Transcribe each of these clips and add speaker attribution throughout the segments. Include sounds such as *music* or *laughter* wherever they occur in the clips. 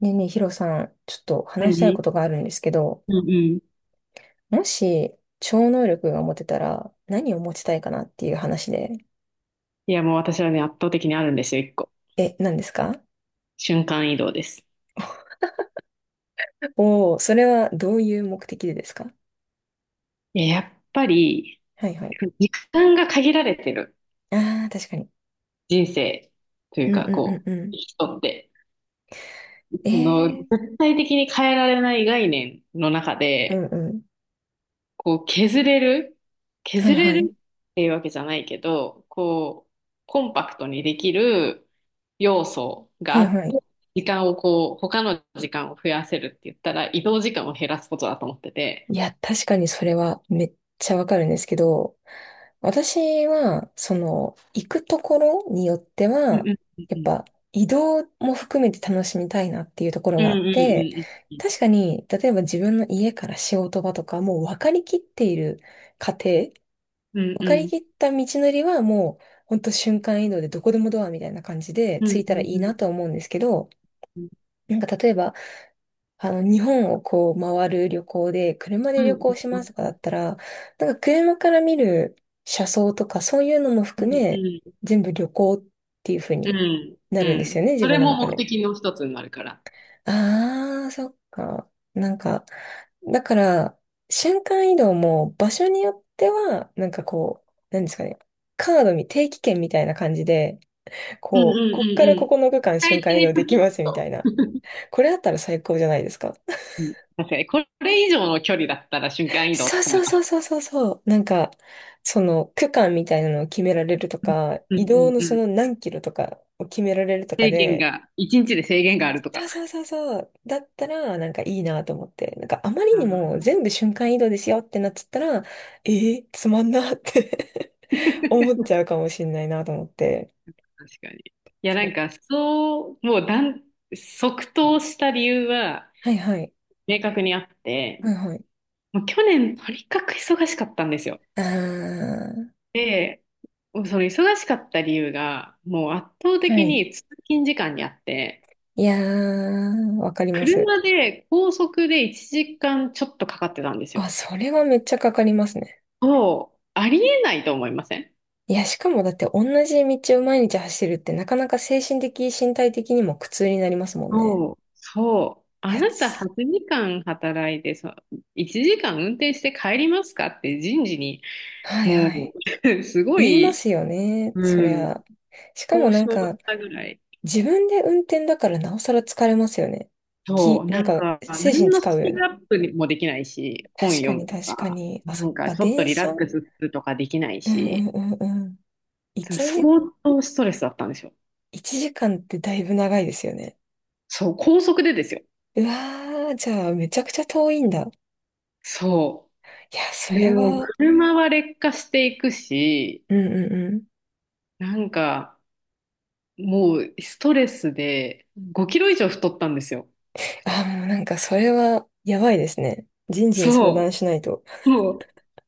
Speaker 1: ねえねえ、ヒロさん、ちょっと話したい
Speaker 2: 何？
Speaker 1: ことがあるんですけど、
Speaker 2: うんうん。
Speaker 1: もし超能力が持てたら何を持ちたいかなっていう話で。
Speaker 2: いや、もう私はね、圧倒的にあるんですよ、一個。
Speaker 1: え、何ですか？
Speaker 2: 瞬間移動です。
Speaker 1: お *laughs* おー、それはどういう目的でですか？
Speaker 2: いや、やっぱり、
Speaker 1: はいはい。
Speaker 2: 時間が限られてる
Speaker 1: ああ、確かに。
Speaker 2: 人生という
Speaker 1: うん
Speaker 2: か、
Speaker 1: うんうん
Speaker 2: こ
Speaker 1: う
Speaker 2: う、
Speaker 1: ん。
Speaker 2: 人って、その、
Speaker 1: ええ
Speaker 2: 絶対的に変えられない概念の中
Speaker 1: ー、うん
Speaker 2: で、
Speaker 1: うん。
Speaker 2: こう、削れる、
Speaker 1: は
Speaker 2: 削
Speaker 1: い
Speaker 2: れ
Speaker 1: は
Speaker 2: る
Speaker 1: い。
Speaker 2: っていうわけじゃないけど、こう、コンパクトにできる要素
Speaker 1: は
Speaker 2: があ
Speaker 1: い
Speaker 2: っ
Speaker 1: は
Speaker 2: て、
Speaker 1: い。
Speaker 2: 時間をこう、他の時間を増やせるって言ったら、移動時間を減らすことだと思ってて、
Speaker 1: いや、確かにそれはめっちゃわかるんですけど、私は、その、行くところによって
Speaker 2: うん
Speaker 1: は、
Speaker 2: うん
Speaker 1: や
Speaker 2: う
Speaker 1: っ
Speaker 2: ん
Speaker 1: ぱ移動も含めて楽しみたいなっていうところ
Speaker 2: う
Speaker 1: があって。
Speaker 2: ん
Speaker 1: 確かに、例えば自分の家から仕事場とか、もう分かりきっている過程、
Speaker 2: うん
Speaker 1: 分
Speaker 2: うんう
Speaker 1: かり
Speaker 2: ん
Speaker 1: きった道のりはもう、ほんと瞬間移動でどこでもドアみたいな感じで
Speaker 2: う
Speaker 1: 着い
Speaker 2: んう
Speaker 1: た
Speaker 2: ん
Speaker 1: らいい
Speaker 2: う
Speaker 1: なと
Speaker 2: ん
Speaker 1: は思うんですけど、
Speaker 2: うん
Speaker 1: なんか例えば、日本をこう回る旅行で、車で旅行しますとかだったら、なんか車から見る車窓とかそういうのも含め、全部旅行っていう風
Speaker 2: う
Speaker 1: に
Speaker 2: ん
Speaker 1: な
Speaker 2: う
Speaker 1: るんです
Speaker 2: ん。
Speaker 1: よね、自
Speaker 2: そ
Speaker 1: 分
Speaker 2: れ
Speaker 1: の
Speaker 2: も
Speaker 1: 中
Speaker 2: 目
Speaker 1: で。
Speaker 2: 的の一つになるから。
Speaker 1: ああ、そっか。なんか、だから、瞬間移動も場所によっては、なんかこう、なんですかね、カードみ、定期券みたいな感じで、
Speaker 2: うんうんう
Speaker 1: こう、こっから
Speaker 2: んう
Speaker 1: こ
Speaker 2: ん。
Speaker 1: この区間
Speaker 2: 使
Speaker 1: 瞬
Speaker 2: い
Speaker 1: 間
Speaker 2: た
Speaker 1: 移動
Speaker 2: い
Speaker 1: で
Speaker 2: と
Speaker 1: き
Speaker 2: き。
Speaker 1: ますみたいな。これあったら最高じゃないですか。
Speaker 2: うん、確かに、これ以上の距離だったら瞬間移動を
Speaker 1: そう
Speaker 2: 使
Speaker 1: そ
Speaker 2: い
Speaker 1: う
Speaker 2: ま
Speaker 1: そ
Speaker 2: す。
Speaker 1: うそうそうそう。なんか、その区間みたいなのを決められるとか、
Speaker 2: う
Speaker 1: 移
Speaker 2: んう
Speaker 1: 動
Speaker 2: ん
Speaker 1: のそ
Speaker 2: うん。
Speaker 1: の何キロとかを決められるとか
Speaker 2: 制限
Speaker 1: で。
Speaker 2: が、一日で制限があると
Speaker 1: そ
Speaker 2: か。
Speaker 1: うそうそうそう。だったら、なんかいいなと思って。なんかあまり
Speaker 2: あ
Speaker 1: にも
Speaker 2: ー、
Speaker 1: 全部瞬間移動ですよってなっちゃったら、つまんなって *laughs* 思っちゃうかもしんないなと思って。
Speaker 2: 確かに。いや、
Speaker 1: そ
Speaker 2: なん
Speaker 1: う。
Speaker 2: か、そう、もう即答した理由は
Speaker 1: はいはい。
Speaker 2: 明確にあって、
Speaker 1: はいはい。
Speaker 2: もう去年とにかく忙しかったんですよ。
Speaker 1: あ
Speaker 2: で、その忙しかった理由が、もう圧倒
Speaker 1: ー、は
Speaker 2: 的
Speaker 1: い。
Speaker 2: に通勤時間にあって、
Speaker 1: いやー、わかります。
Speaker 2: 車で高速で1時間ちょっとかかってたんですよ。
Speaker 1: あ、それはめっちゃかかりますね。
Speaker 2: そう、ありえないと思いません？
Speaker 1: いや、しかもだって同じ道を毎日走るってなかなか精神的、身体的にも苦痛になりますもんね。
Speaker 2: そう、そう。あ
Speaker 1: や
Speaker 2: なた
Speaker 1: つ。
Speaker 2: 8時間働いて、そう、1時間運転して帰りますかって人事に、
Speaker 1: はいは
Speaker 2: も
Speaker 1: い。
Speaker 2: う、*laughs* すご
Speaker 1: 言いま
Speaker 2: い、
Speaker 1: すよね。そ
Speaker 2: う
Speaker 1: り
Speaker 2: ん、
Speaker 1: ゃ。しかも
Speaker 2: 交
Speaker 1: なん
Speaker 2: 渉し
Speaker 1: か、
Speaker 2: たぐらい。
Speaker 1: 自分で運転だからなおさら疲れますよね。
Speaker 2: そう、
Speaker 1: な
Speaker 2: な
Speaker 1: ん
Speaker 2: ん
Speaker 1: か、
Speaker 2: か、
Speaker 1: 精神
Speaker 2: 何の
Speaker 1: 使
Speaker 2: ス
Speaker 1: うよ
Speaker 2: キ
Speaker 1: ね。
Speaker 2: ルアップもできないし、本
Speaker 1: 確か
Speaker 2: 読
Speaker 1: に
Speaker 2: むと
Speaker 1: 確か
Speaker 2: か、
Speaker 1: に。あ、そ
Speaker 2: な
Speaker 1: っ
Speaker 2: んか
Speaker 1: か、
Speaker 2: ちょっと
Speaker 1: 電
Speaker 2: リラ
Speaker 1: 車。
Speaker 2: ッ
Speaker 1: うん
Speaker 2: クスするとかできない
Speaker 1: うん
Speaker 2: し、
Speaker 1: うんうん。一
Speaker 2: それ相
Speaker 1: 時、
Speaker 2: 当ストレスだったんですよ。
Speaker 1: 一時間ってだいぶ長いですよね。
Speaker 2: そう、高速でですよ。
Speaker 1: うわー、じゃあめちゃくちゃ遠いんだ。い
Speaker 2: そ
Speaker 1: や、
Speaker 2: う。
Speaker 1: そ
Speaker 2: で
Speaker 1: れ
Speaker 2: も、
Speaker 1: は、
Speaker 2: 車は劣化していくし、
Speaker 1: うんうん、
Speaker 2: なんか、もうストレスで5キロ以上太ったんですよ。
Speaker 1: あ、もうなんかそれはやばいですね。人事に相談
Speaker 2: そ
Speaker 1: しないと。
Speaker 2: う。も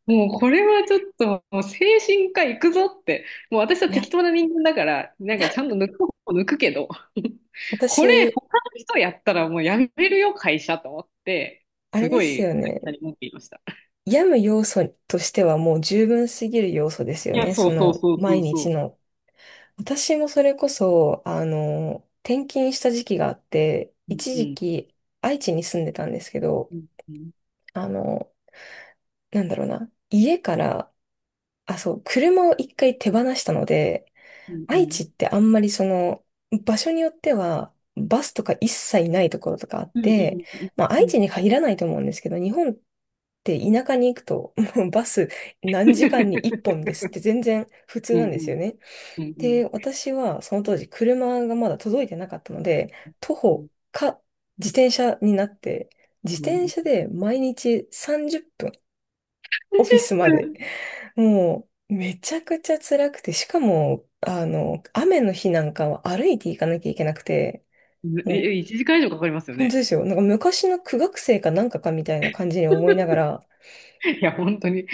Speaker 2: う、もうこれはちょっと、もう精神科行くぞって、もう私は
Speaker 1: い
Speaker 2: 適
Speaker 1: や、
Speaker 2: 当な人間だから、なんかちゃんと抜く方法抜くけど、*laughs* これ
Speaker 1: 私、
Speaker 2: 他の人やったらもうやめるよ、会社と思って、
Speaker 1: あれ
Speaker 2: す
Speaker 1: で
Speaker 2: ご
Speaker 1: す
Speaker 2: い
Speaker 1: よね。
Speaker 2: 会社に文句言いました。
Speaker 1: 病む要素としてはもう十分すぎる要素ですよ
Speaker 2: いや、
Speaker 1: ね。
Speaker 2: そ
Speaker 1: そ
Speaker 2: うそう
Speaker 1: の
Speaker 2: そうそ
Speaker 1: 毎
Speaker 2: う
Speaker 1: 日
Speaker 2: そ
Speaker 1: の。私もそれこそ、転勤した時期があって、
Speaker 2: う。うん
Speaker 1: 一
Speaker 2: う
Speaker 1: 時
Speaker 2: ん
Speaker 1: 期愛知に住んでたんですけど、
Speaker 2: うん
Speaker 1: あの、なんだろうな。家から、あ、そう、車を一回手放したので、
Speaker 2: うんう
Speaker 1: 愛
Speaker 2: ん
Speaker 1: 知ってあんまり場所によっては、バスとか一切ないところとかあっ
Speaker 2: うんう
Speaker 1: て、
Speaker 2: んうん
Speaker 1: まあ
Speaker 2: う
Speaker 1: 愛知
Speaker 2: ん
Speaker 1: に限らないと思うんですけど、日本って田舎に行くと、*laughs* もうバス何時間に1本ですって全然普通
Speaker 2: うん
Speaker 1: なんで
Speaker 2: う
Speaker 1: す
Speaker 2: ん
Speaker 1: よね。
Speaker 2: うんうん
Speaker 1: で、私はその当時車がまだ届いてなかったので、徒
Speaker 2: うん。
Speaker 1: 歩か自転車になって、自転
Speaker 2: 30
Speaker 1: 車で毎日30分オフィスまで、もう、めちゃくちゃ辛くて、しかも、雨の日なんかは歩いて行かなきゃいけなくて、
Speaker 2: 分、
Speaker 1: も
Speaker 2: え、
Speaker 1: う、
Speaker 2: 1時間以上かかりますよ
Speaker 1: 本当
Speaker 2: ね。
Speaker 1: ですよ。なんか昔の苦学生かなんかかみたいな感じに思いながら、
Speaker 2: いや、本当に。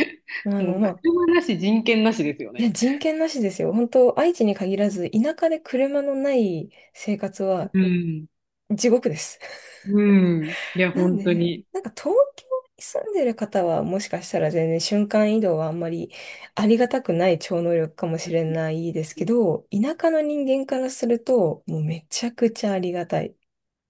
Speaker 2: もう
Speaker 1: まあ、
Speaker 2: 車なし、人権なしですよ
Speaker 1: いや、
Speaker 2: ね。
Speaker 1: 人権なしですよ。本当、愛知に限らず、田舎で車のない生活は
Speaker 2: うん。
Speaker 1: 地獄です。
Speaker 2: うん。いや、
Speaker 1: なん
Speaker 2: 本当
Speaker 1: で、
Speaker 2: に。
Speaker 1: なんか東京に住んでる方はもしかしたら全然瞬間移動はあんまりありがたくない超能力かもしれないですけど、田舎の人間からするともうめちゃくちゃありがたい。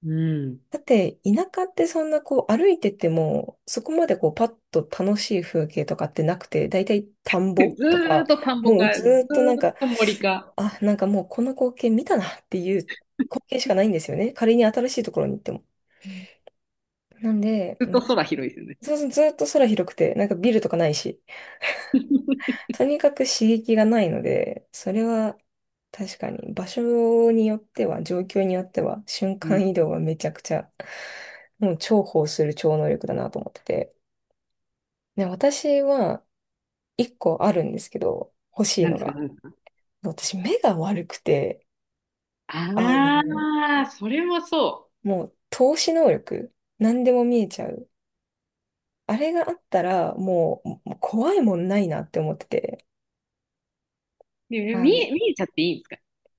Speaker 2: うん。
Speaker 1: だって田舎ってそんなこう歩いててもそこまでこうパッと楽しい風景とかってなくて、だいたい田んぼ
Speaker 2: *laughs* ず
Speaker 1: と
Speaker 2: ー
Speaker 1: か、
Speaker 2: っと田んぼ
Speaker 1: もう
Speaker 2: か、
Speaker 1: ず
Speaker 2: ずーっ
Speaker 1: ーっとなんか、
Speaker 2: と森か、
Speaker 1: あ、なんかもうこの光景見たなっていう光景しかないんですよね。仮に新しいところに行っても。なんで、
Speaker 2: ずっと空広いですよね。
Speaker 1: そうそう、ずっと空広くて、なんかビルとかないし、
Speaker 2: *laughs*
Speaker 1: とにかく刺激がないので、それは確かに場所によっては、状況によっては、瞬
Speaker 2: うん。
Speaker 1: 間移動はめちゃくちゃ、もう重宝する超能力だなと思ってて。で、私は一個あるんですけど、欲しい
Speaker 2: 何
Speaker 1: の
Speaker 2: ですか、
Speaker 1: が。
Speaker 2: 何ですか？
Speaker 1: 私目が悪くて、
Speaker 2: *laughs*
Speaker 1: あ
Speaker 2: あ
Speaker 1: の、
Speaker 2: あ、それもそ
Speaker 1: もう透視能力、何でも見えちゃう。あれがあったら、もうもう怖いもんないなって思ってて。
Speaker 2: う。で、
Speaker 1: あ
Speaker 2: 見え、
Speaker 1: の、
Speaker 2: 見えちゃっていいんですか？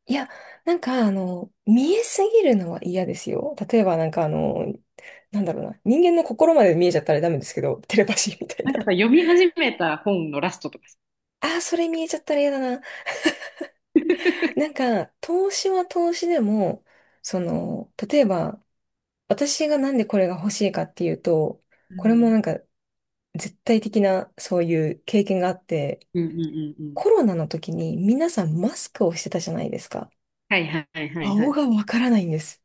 Speaker 1: いや、なんか、見えすぎるのは嫌ですよ。例えば、なんか、なんだろうな。人間の心まで見えちゃったらダメですけど、テレパシーみたい
Speaker 2: な
Speaker 1: な。
Speaker 2: んかさ、
Speaker 1: *laughs*
Speaker 2: 読み始めた本のラストとかさ。
Speaker 1: ああ、それ見えちゃったら嫌だな。
Speaker 2: *laughs*
Speaker 1: なんか、投資は投資でも、その、例えば、私がなんでこれが欲しいかっていうと、
Speaker 2: う
Speaker 1: これも
Speaker 2: ん。
Speaker 1: なんか、絶対的な、そういう経験があって、
Speaker 2: うんうんうんうん。
Speaker 1: コロナの時に皆さんマスクをしてたじゃないですか。
Speaker 2: はいはいはいは
Speaker 1: 顔
Speaker 2: い。
Speaker 1: がわからないんです。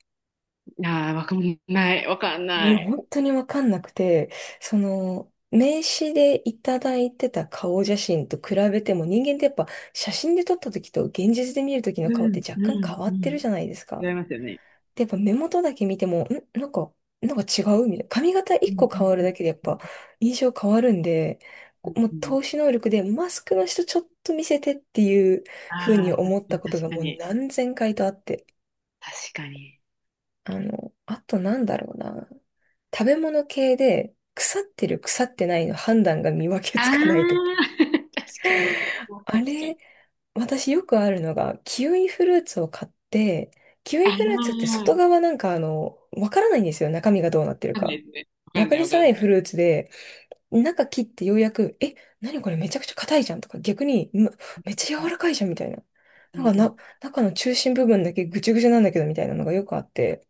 Speaker 2: ああ、わかんない。わかん
Speaker 1: もうね
Speaker 2: ない。
Speaker 1: 本当にわかんなくて、名刺でいただいてた顔写真と比べても人間ってやっぱ写真で撮った時と現実で見る時の
Speaker 2: う
Speaker 1: 顔って
Speaker 2: んう
Speaker 1: 若干
Speaker 2: ん
Speaker 1: 変わ
Speaker 2: う
Speaker 1: ってる
Speaker 2: ん。
Speaker 1: じゃないですか。
Speaker 2: 違いますよね。
Speaker 1: で、やっぱ目元だけ見ても、なんか、違うみたいな。髪型
Speaker 2: う
Speaker 1: 一個
Speaker 2: んう
Speaker 1: 変
Speaker 2: ん
Speaker 1: わる
Speaker 2: うん
Speaker 1: だけでやっぱ印象変わるんで、
Speaker 2: うん
Speaker 1: もう
Speaker 2: うん。
Speaker 1: 透視能力でマスクの人ちょっと見せてっていう風に
Speaker 2: ああ、確
Speaker 1: 思ったことが
Speaker 2: か
Speaker 1: もう
Speaker 2: に、
Speaker 1: 何千回とあって。
Speaker 2: 確かに。確かに。
Speaker 1: あとなんだろうな。食べ物系で腐ってる腐ってないの判断が見分け
Speaker 2: あ
Speaker 1: つかないとき。
Speaker 2: あ、*laughs* 確かに、それも確
Speaker 1: あ
Speaker 2: か
Speaker 1: れ、
Speaker 2: に。
Speaker 1: 私よくあるのが、キウイフルーツを買って、キウ
Speaker 2: あ
Speaker 1: イフルーツって
Speaker 2: あ、
Speaker 1: 外
Speaker 2: わ
Speaker 1: 側なんかあの、わからないんですよ。中身がどうなってる
Speaker 2: かんない
Speaker 1: か。
Speaker 2: ですね。わか
Speaker 1: わ
Speaker 2: ん
Speaker 1: か
Speaker 2: ない、
Speaker 1: り
Speaker 2: わ
Speaker 1: づ
Speaker 2: かん
Speaker 1: ら
Speaker 2: な
Speaker 1: い
Speaker 2: い。
Speaker 1: フルーツで、中切ってようやく、え、何これめちゃくちゃ硬いじゃんとか、逆に、めっちゃ
Speaker 2: う
Speaker 1: 柔
Speaker 2: ん、
Speaker 1: らかいじゃんみたいな。
Speaker 2: うん、
Speaker 1: なんか
Speaker 2: うん。
Speaker 1: な、中の中心部分だけぐちゅぐちゅなんだけどみたいなのがよくあって、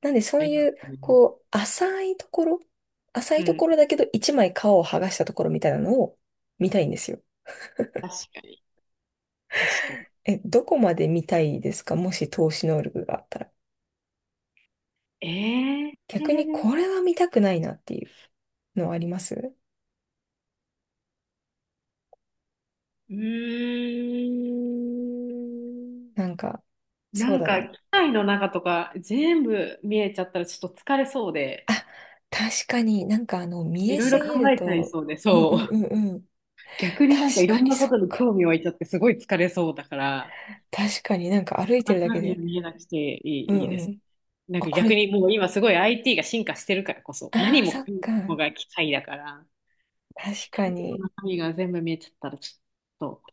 Speaker 1: なんでそ
Speaker 2: あ
Speaker 1: う
Speaker 2: りま
Speaker 1: いう、
Speaker 2: すね。
Speaker 1: こう、浅
Speaker 2: う
Speaker 1: いと
Speaker 2: ん、
Speaker 1: ころだけど一枚皮を剥がしたところみたいなのを見たいんですよ。
Speaker 2: 確かに、確かに。
Speaker 1: え、どこまで見たいですか、もし投資能力があったら？
Speaker 2: ええ、
Speaker 1: 逆にこれは見たくないなっていうのはあります？
Speaker 2: うーん。
Speaker 1: なんか、
Speaker 2: な
Speaker 1: そう
Speaker 2: ん
Speaker 1: だ
Speaker 2: か、
Speaker 1: な。
Speaker 2: 機械の中とか全部見えちゃったらちょっと疲れそうで、
Speaker 1: あ、確かになんか見
Speaker 2: い
Speaker 1: え
Speaker 2: ろい
Speaker 1: す
Speaker 2: ろ考
Speaker 1: ぎる
Speaker 2: えちゃい
Speaker 1: と、
Speaker 2: そうで、
Speaker 1: うんう
Speaker 2: そ
Speaker 1: んう
Speaker 2: う。
Speaker 1: んうん。確
Speaker 2: 逆になんかいろ
Speaker 1: か
Speaker 2: ん
Speaker 1: に
Speaker 2: なこ
Speaker 1: そっ
Speaker 2: とに
Speaker 1: か。
Speaker 2: 興味湧いちゃってすごい疲れそうだから、
Speaker 1: 確かになんか歩いてるだ
Speaker 2: 中
Speaker 1: け
Speaker 2: 身
Speaker 1: で、
Speaker 2: が見えなくてい
Speaker 1: うん
Speaker 2: い、いいで
Speaker 1: う
Speaker 2: す。
Speaker 1: ん。
Speaker 2: なん
Speaker 1: あ、
Speaker 2: か
Speaker 1: こ
Speaker 2: 逆
Speaker 1: れ、
Speaker 2: にもう今すごい IT が進化してるからこそ、
Speaker 1: あ
Speaker 2: 何
Speaker 1: あ、
Speaker 2: も
Speaker 1: そ
Speaker 2: か
Speaker 1: っ
Speaker 2: も
Speaker 1: か。
Speaker 2: が機械だから、機
Speaker 1: 確
Speaker 2: 械
Speaker 1: か
Speaker 2: の
Speaker 1: に。
Speaker 2: 中身が全部見えちゃったらちょっと、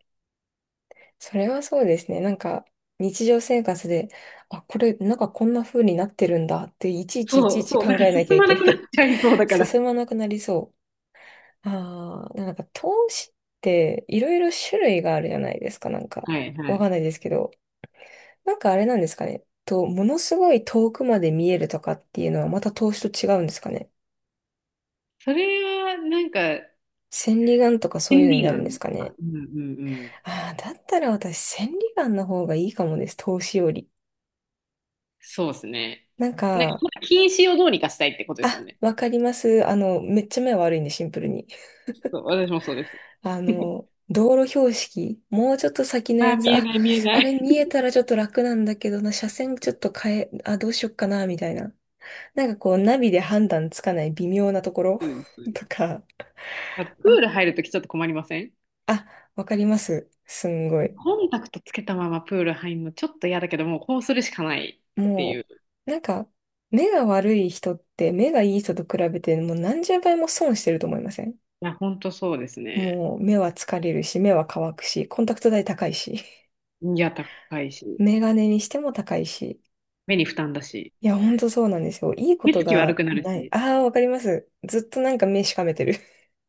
Speaker 1: それはそうですね。なんか、日常生活で、あ、これ、なんかこんな風になってるんだって、いちいちいち
Speaker 2: そ
Speaker 1: い
Speaker 2: う、
Speaker 1: ち
Speaker 2: そう、
Speaker 1: 考
Speaker 2: なんか
Speaker 1: えなきゃ
Speaker 2: 進
Speaker 1: い
Speaker 2: ま
Speaker 1: け
Speaker 2: な
Speaker 1: な
Speaker 2: くなっ
Speaker 1: い。
Speaker 2: ちゃいそうだ
Speaker 1: *laughs*
Speaker 2: から。
Speaker 1: 進まなくなりそう。ああ、なんか投資っていろいろ種類があるじゃないですか。なんか、
Speaker 2: はい、は
Speaker 1: わ
Speaker 2: い。
Speaker 1: かんないですけど。なんかあれなんですかね。ものすごい遠くまで見えるとかっていうのはまた投資と違うんですかね。
Speaker 2: それはなんか、
Speaker 1: 千里眼とかそういう
Speaker 2: 便
Speaker 1: のに
Speaker 2: 利
Speaker 1: な
Speaker 2: な
Speaker 1: るんで
Speaker 2: の
Speaker 1: すか
Speaker 2: か。
Speaker 1: ね。
Speaker 2: うん、うん、うん。
Speaker 1: ああ、だったら私千里眼の方がいいかもです。投資より。
Speaker 2: そうですね。
Speaker 1: なん
Speaker 2: なんか、
Speaker 1: か、
Speaker 2: 禁止をどうにかしたいってことですもん
Speaker 1: あ、
Speaker 2: ね。
Speaker 1: わかります。めっちゃ目悪いんで、シンプルに。
Speaker 2: そう、私もそうです。*laughs*
Speaker 1: 道路標識、もうちょっと先の
Speaker 2: あ
Speaker 1: や
Speaker 2: ー、
Speaker 1: つ、
Speaker 2: 見え
Speaker 1: あ、
Speaker 2: ない、見えな
Speaker 1: あれ
Speaker 2: い。
Speaker 1: 見えたらちょっと楽なんだけどな、車線ちょっと変え、あ、どうしよっかな、みたいな。なんかこう、ナビで判断つかない微妙なところ
Speaker 2: そうです、そう
Speaker 1: *laughs*
Speaker 2: です。
Speaker 1: とか、
Speaker 2: あとプ
Speaker 1: あ、
Speaker 2: ール入るときちょっと困りません？
Speaker 1: あ、わかります。すんごい。
Speaker 2: コンタクトつけたままプール入るのちょっと嫌だけど、もうこうするしかないってい
Speaker 1: も
Speaker 2: う。
Speaker 1: う、なんか、目が悪い人って、目がいい人と比べて、もう何十倍も損してると思いません？
Speaker 2: いや、ほんとそうですね。
Speaker 1: もう、目は疲れるし、目は乾くし、コンタクト代高いし。
Speaker 2: いや、高いし、
Speaker 1: メガネにしても高いし。
Speaker 2: 目に負担だし、
Speaker 1: いや、ほんとそうなんですよ。いいこ
Speaker 2: 目
Speaker 1: と
Speaker 2: つき悪
Speaker 1: が
Speaker 2: くなる
Speaker 1: ない。
Speaker 2: し。
Speaker 1: ああ、わかります。ずっとなんか目しかめてる。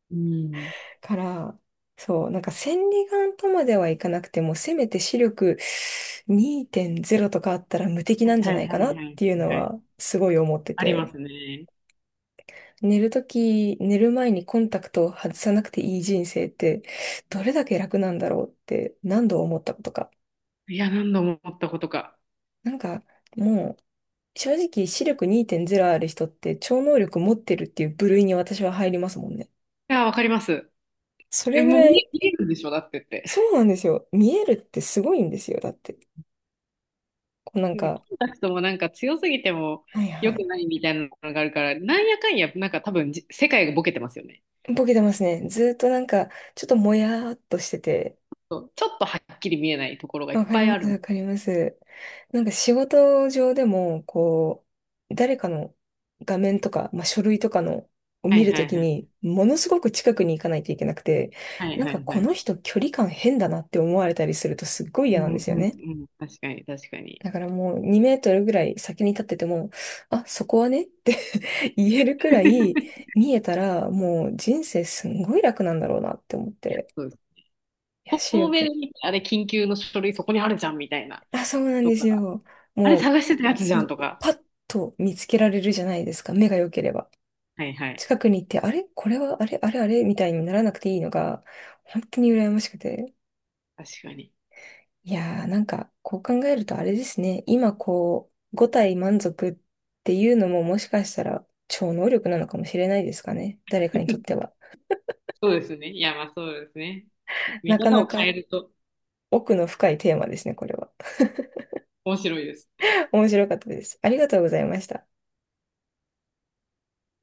Speaker 2: うん。
Speaker 1: *laughs* から、そう、なんか千里眼とまではいかなくても、せめて視力2.0とかあったら無敵
Speaker 2: は
Speaker 1: な
Speaker 2: い
Speaker 1: んじゃ
Speaker 2: はい
Speaker 1: ない
Speaker 2: は
Speaker 1: かな
Speaker 2: い
Speaker 1: っ
Speaker 2: はい
Speaker 1: ていう
Speaker 2: はい
Speaker 1: の
Speaker 2: はい。
Speaker 1: は、すごい思って
Speaker 2: ありま
Speaker 1: て。
Speaker 2: すね。
Speaker 1: 寝る前にコンタクトを外さなくていい人生って、どれだけ楽なんだろうって何度思ったことか。
Speaker 2: いや、何度も思ったことか。
Speaker 1: なんか、もう、正直視力2.0ある人って超能力持ってるっていう部類に私は入りますもんね。
Speaker 2: いや、わかります。
Speaker 1: そ
Speaker 2: え、
Speaker 1: れぐ
Speaker 2: もう
Speaker 1: ら
Speaker 2: 見
Speaker 1: い、
Speaker 2: え、見えるんでしょだってって。
Speaker 1: そうなんですよ。見えるってすごいんですよ。だって。こうなん
Speaker 2: で、
Speaker 1: か、
Speaker 2: コンタクトもなんか強すぎても
Speaker 1: はいは
Speaker 2: 良く
Speaker 1: い。
Speaker 2: ないみたいなのがあるから、なんやかんや、なんか多分世界がボケてますよね。
Speaker 1: ボケてますね。ずーっとなんか、ちょっともやーっとしてて、
Speaker 2: そう、ちょっとはっきり見えないところがいっ
Speaker 1: わか
Speaker 2: ぱ
Speaker 1: り
Speaker 2: い
Speaker 1: ま
Speaker 2: あ
Speaker 1: す、
Speaker 2: る。
Speaker 1: わかります。なんか仕事上でも、こう、誰かの画面とか、まあ、書類とかのを
Speaker 2: は
Speaker 1: 見
Speaker 2: い
Speaker 1: る
Speaker 2: は
Speaker 1: と
Speaker 2: い
Speaker 1: き
Speaker 2: はい。
Speaker 1: に、ものすごく近くに行かないといけなくて、
Speaker 2: はい
Speaker 1: なん
Speaker 2: は
Speaker 1: か
Speaker 2: いは
Speaker 1: こ
Speaker 2: い。
Speaker 1: の人距離感変だなって思われたりするとすっごい
Speaker 2: う
Speaker 1: 嫌なんで
Speaker 2: ん
Speaker 1: すよ
Speaker 2: うんう
Speaker 1: ね。
Speaker 2: ん。確かに確かに。
Speaker 1: だからもう2メートルぐらい先に立ってても、あ、そこはねって *laughs* 言えるくらい
Speaker 2: *laughs*
Speaker 1: 見えたら、もう人生すんごい楽なんだろうなって思って。
Speaker 2: そうです。
Speaker 1: いや、視
Speaker 2: 遠目
Speaker 1: 力。
Speaker 2: で見て、あれ緊急の書類そこにあるじゃんみたいな。
Speaker 1: あ、そうなん
Speaker 2: と
Speaker 1: です
Speaker 2: か、
Speaker 1: よ。
Speaker 2: あれ
Speaker 1: も
Speaker 2: 探してたやつじ
Speaker 1: う
Speaker 2: ゃ
Speaker 1: も
Speaker 2: ん
Speaker 1: う
Speaker 2: とか。
Speaker 1: パッと見つけられるじゃないですか、目が良ければ。
Speaker 2: はいはい。
Speaker 1: 近くに行って、あれこれは、あれあれあれみたいにならなくていいのが、本当に羨ましくて。
Speaker 2: 確かに。
Speaker 1: いやー、なんか、こう考えるとあれですね。今、こう、五体満足っていうのももしかしたら超能力なのかもしれないですかね。誰かにとって
Speaker 2: *laughs*
Speaker 1: は。
Speaker 2: そうですね。いやまあそうですね。見
Speaker 1: なか
Speaker 2: 方
Speaker 1: な
Speaker 2: を
Speaker 1: か
Speaker 2: 変えると
Speaker 1: 奥の深いテーマですね、これは。
Speaker 2: 面白いです。
Speaker 1: *laughs* 面白かったです。ありがとうございました。